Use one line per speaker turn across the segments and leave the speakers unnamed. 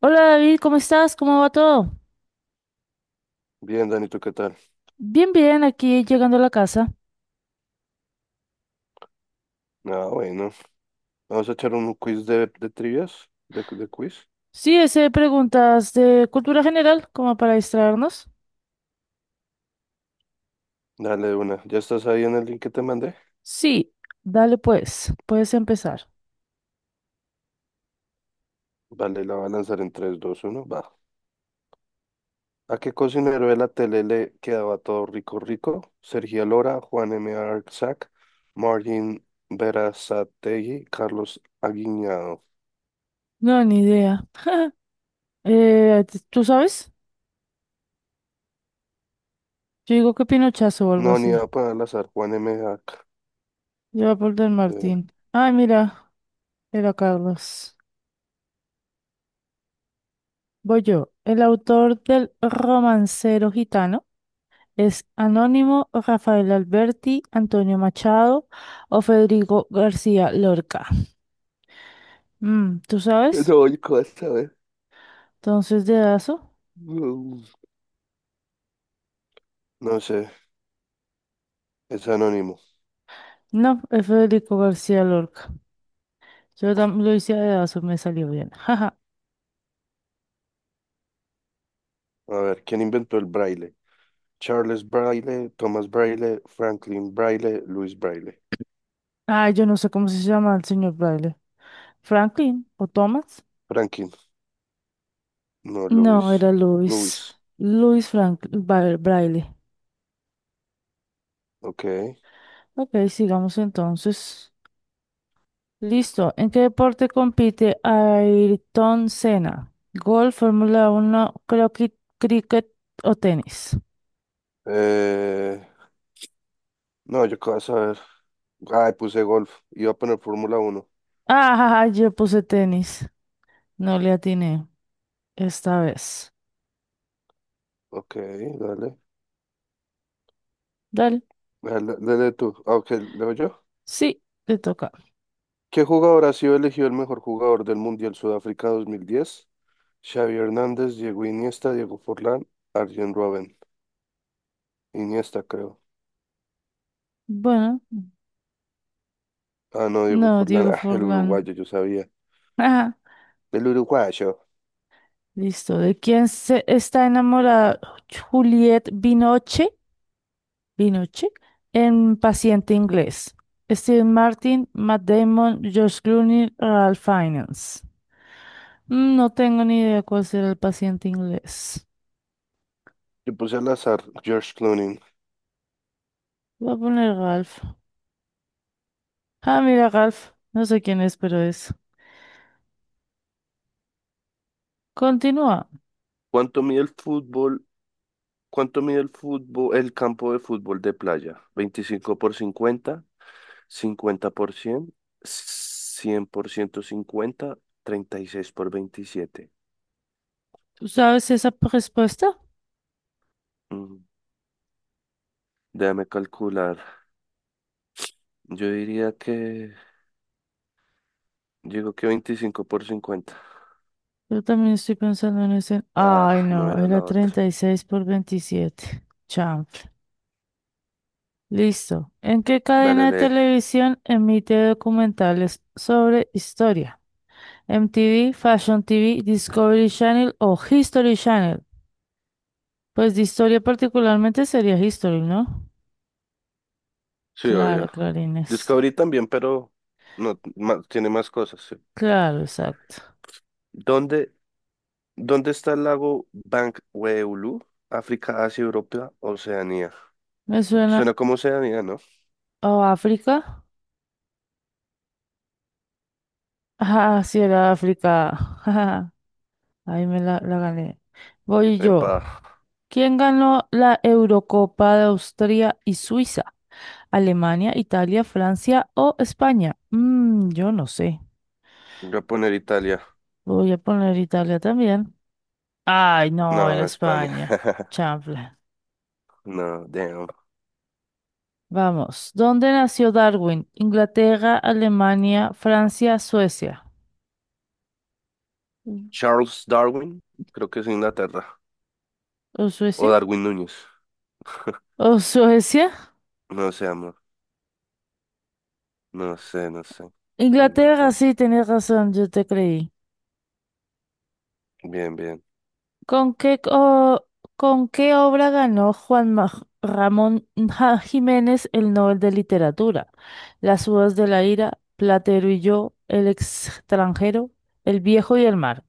Hola David, ¿cómo estás? ¿Cómo va todo?
Bien, Dani, ¿tú ¿qué tal?
Bien, aquí llegando a la casa.
Ah, bueno. Vamos a echar un quiz de trivias, de quiz.
Sí, ese preguntas de cultura general, como para distraernos.
Dale de una. ¿Ya estás ahí en el link que te mandé?
Sí, dale pues, puedes empezar.
Vale, la voy a lanzar en tres, dos, uno, va. ¿A qué cocinero de la tele le quedaba todo rico, rico? Sergio Lora, Juan M. Arzak, Martín Berazategui, Carlos Aguiñado.
No, ni idea. ¿Tú sabes? Yo digo que Pinochazo o algo
No, ni
así.
a para al azar, Juan M. Arzak.
Lleva por Del
Eh,
Martín. Ay, mira, era Carlos. Voy yo. El autor del romancero gitano es Anónimo Rafael Alberti, Antonio Machado o Federico García Lorca. ¿Tú sabes?
no, yo qué vas a ver.
Entonces, dedazo.
No, no sé, es anónimo.
No, es Federico García Lorca. Yo también lo hice a dedazo, me salió bien. Jaja.
A ver, ¿quién inventó el braille? Charles Braille, Thomas Braille, Franklin Braille, Luis Braille.
Ah, yo no sé cómo se llama el señor Braille. ¿Franklin o Thomas?
Franklin, no
No,
Luis.
era Luis.
Luis,
Luis Franklin Braille.
ok.
Ok, sigamos entonces. Listo. ¿En qué deporte compite Ayrton Senna? ¿Golf, Fórmula uno, croquet, cricket o tenis?
Eh, no, yo qué vas a ver. Ay, puse golf. Iba a poner Fórmula Uno.
Ah, yo puse tenis. No le atiné esta vez.
Ok, dale.
Dale.
Dale, dale tú. Ah, ok, leo yo.
Sí, te toca.
¿Qué jugador ha sido elegido el mejor jugador del Mundial Sudáfrica 2010? Xavi Hernández, Diego Iniesta, Diego Forlán, Arjen Robben. Iniesta, creo.
Bueno,
Ah, no, Diego
no,
Forlán.
Diego
Ah, el
Forlán.
uruguayo, yo sabía.
Ajá,
El uruguayo.
listo. ¿De quién se está enamorada Juliette Binoche? Binoche, en Paciente Inglés. Steve Martin, Matt Damon, George Clooney, Ralph Fiennes. No tengo ni idea cuál será el paciente inglés.
Yo puse al azar George Clooney.
Voy a poner Ralph. Ah, mira, Ralph. No sé quién es, pero es. Continúa.
¿Cuánto mide el fútbol? ¿Cuánto mide el fútbol, el campo de fútbol de playa? 25 por 50, 50 por 100, 100 por ciento cincuenta, treinta y seis por 27.
¿Tú sabes esa respuesta?
Mm, Déjame calcular. Yo diría que, digo que 25 por 50.
Yo también estoy pensando en ese.
Ah,
Ay,
no
no,
era
era
la
treinta
otra.
y seis por 27. Chanfle. Listo. ¿En qué cadena
Dale,
de
lee.
televisión emite documentales sobre historia? ¿MTV, Fashion TV, Discovery Channel o History Channel? Pues de historia particularmente sería History, ¿no?
Sí, obvio.
Claro, Clarines.
Discovery también, pero no, tiene más cosas. Sí.
Claro, exacto.
¿Dónde ¿Dónde está el lago Bankweulu? África, Asia, Europa, Oceanía.
Me suena.
Suena como Oceanía, ¿no?
¿O África? Ah, sí, era África. Ahí me la gané. Voy yo.
Epa,
¿Quién ganó la Eurocopa de Austria y Suiza? ¿Alemania, Italia, Francia o España? Yo no sé.
voy a poner Italia.
Voy a poner Italia también. Ay, no, era
No, España.
España. Chanfle.
No, damn.
Vamos. ¿Dónde nació Darwin? ¿Inglaterra, Alemania, Francia, Suecia? Mm.
Charles Darwin, creo que es Inglaterra.
¿O
O
Suecia?
Darwin Núñez.
¿O Suecia?
No sé, amor. No sé, no sé.
Inglaterra,
Inglaterra.
sí, tenés razón, yo te creí.
Bien, bien.
¿Con qué, co- ¿con qué obra ganó Ramón Jiménez el Nobel de Literatura? Las uvas de la ira, Platero y yo, El extranjero, El viejo y el mar.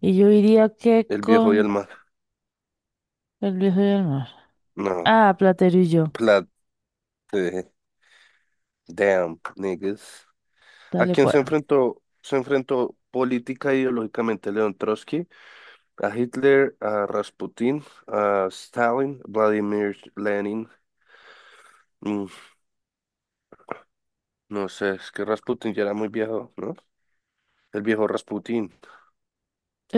Y yo diría que
El viejo y el
con
mar.
El viejo y el mar.
No.
Ah, Platero y yo.
Plat. Eh, Damn, niggas. ¿A
Dale
quién
pues.
se enfrentó? Se enfrentó política e ideológicamente León Trotsky: a Hitler, a Rasputin, a Stalin, Vladimir Lenin. Mm, no sé, es que Rasputin ya era muy viejo, ¿no? El viejo Rasputin.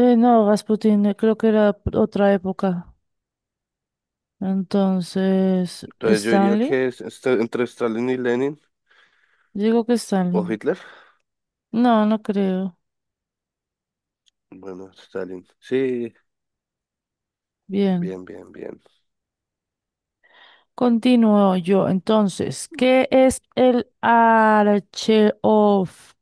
No, Rasputin, creo que era otra época. Entonces,
Entonces yo diría
¿Stanley?
que es entre Stalin y Lenin
Digo que
o
Stanley.
Hitler.
No, no creo.
Bueno, Stalin. Sí,
Bien.
bien, bien, bien.
Continúo yo. Entonces, ¿qué es el Archaeopteryx?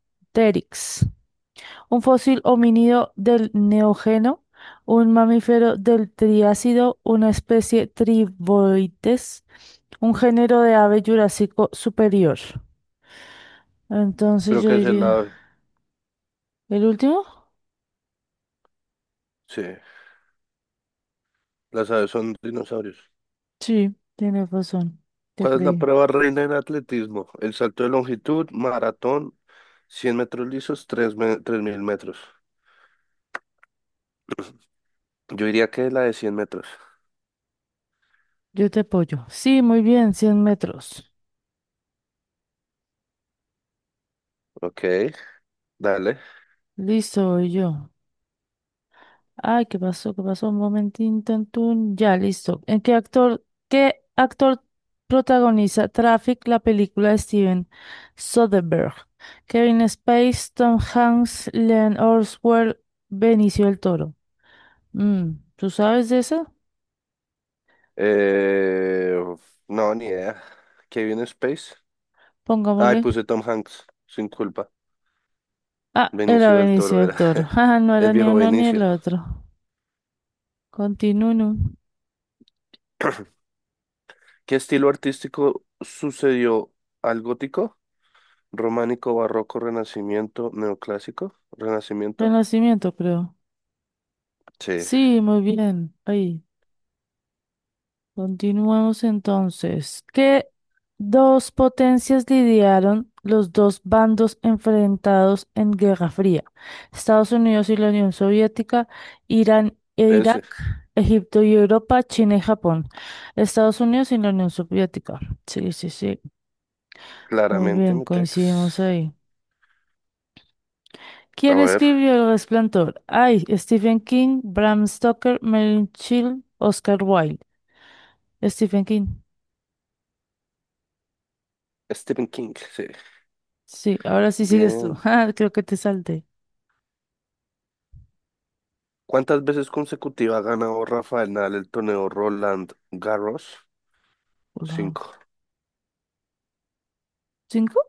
Un fósil homínido del Neógeno, un mamífero del Triásico, una especie Triboides, un género de ave jurásico superior. Entonces
Creo
yo
que es el
diría,
lado.
¿el último?
Sí, las aves son dinosaurios.
Sí, tienes razón, te
¿Cuál es la
creí.
prueba reina del atletismo? El salto de longitud, maratón, 100 metros lisos, 3000 metros. Yo diría que la de 100 metros.
Yo te apoyo. Sí, muy bien, 100 metros.
Ok, dale.
Listo, voy yo. Ay, ¿qué pasó? ¿Qué pasó? Un momentín, tantún. Ya, listo. ¿Qué actor protagoniza Traffic, la película de Steven Soderbergh? Kevin Spacey, Tom Hanks, Leon Orwell, Benicio del Toro. ¿Tú sabes de eso?
Eh, no, ni idea. Kevin Space. Ay,
Pongámosle.
puse Tom Hanks, sin culpa.
Ah, era
Benicio del
Benicio
Toro
del
era
Toro. Ajá, no
el
era ni
viejo
uno ni el
Benicio.
otro. Continuo.
¿Qué estilo artístico sucedió al gótico? Románico, barroco, renacimiento, neoclásico, renacimiento.
Renacimiento, creo.
Sí.
Sí, muy bien. Ahí. Continuamos entonces. ¿Qué dos potencias lidiaron los dos bandos enfrentados en Guerra Fría? Estados Unidos y la Unión Soviética, Irán e Irak,
Ese,
Egipto y Europa, China y Japón. Estados Unidos y la Unión Soviética. Sí, sí, sí. Muy
claramente
bien,
mi Tex.
coincidimos ahí.
A
¿Quién
ver,
escribió El Resplandor? Ay, Stephen King, Bram Stoker, Merlin Chill, Oscar Wilde. Stephen King.
Stephen King, sí.
Sí, ahora sí sigues tú.
Bien.
Ah, creo que te salté.
¿Cuántas veces consecutivas ha ganado Rafael Nadal el torneo Roland Garros?
Hola.
Cinco.
¿Cinco?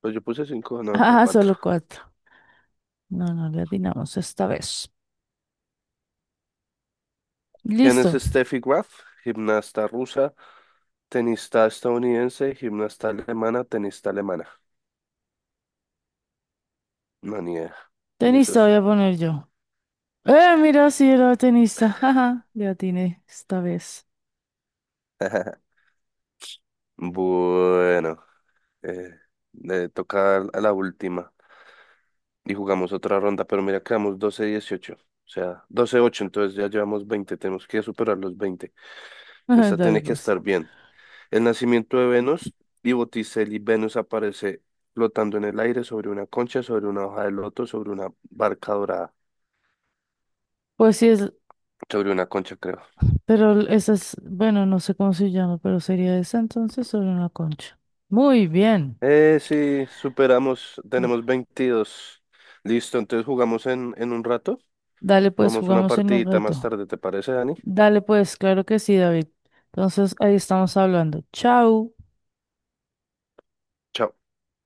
Pues yo puse cinco, no, acá
Ah,
cuatro.
solo cuatro. No, le atinamos esta vez.
¿Quién es
Listo.
Steffi Graf? Gimnasta rusa, tenista estadounidense, gimnasta alemana, tenista alemana. No, ni idea.
Tenista
Tenistas.
voy a poner yo. Mira, sí era tenista. Jaja, le atiné esta vez.
Bueno, eh, le toca a la última. Y jugamos otra ronda, pero mira, quedamos 12-18, o sea, 12-8. Entonces ya llevamos 20, tenemos que superar los 20. Esta
Dale,
tiene que
pues.
estar bien. El nacimiento de Venus y Botticelli, Venus aparece flotando en el aire sobre una concha, sobre una hoja de loto, sobre una barca dorada,
Pues sí, es,
sobre una concha, creo.
pero esa es, bueno, no sé cómo se llama, pero sería esa entonces sobre una concha. Muy bien.
Sí, superamos, tenemos 22. Listo, entonces jugamos en un rato,
Dale, pues,
jugamos una
jugamos en un
partidita más
rato.
tarde, ¿te parece, Dani?
Dale, pues, claro que sí, David. Entonces, ahí estamos hablando. Chao.
Chao.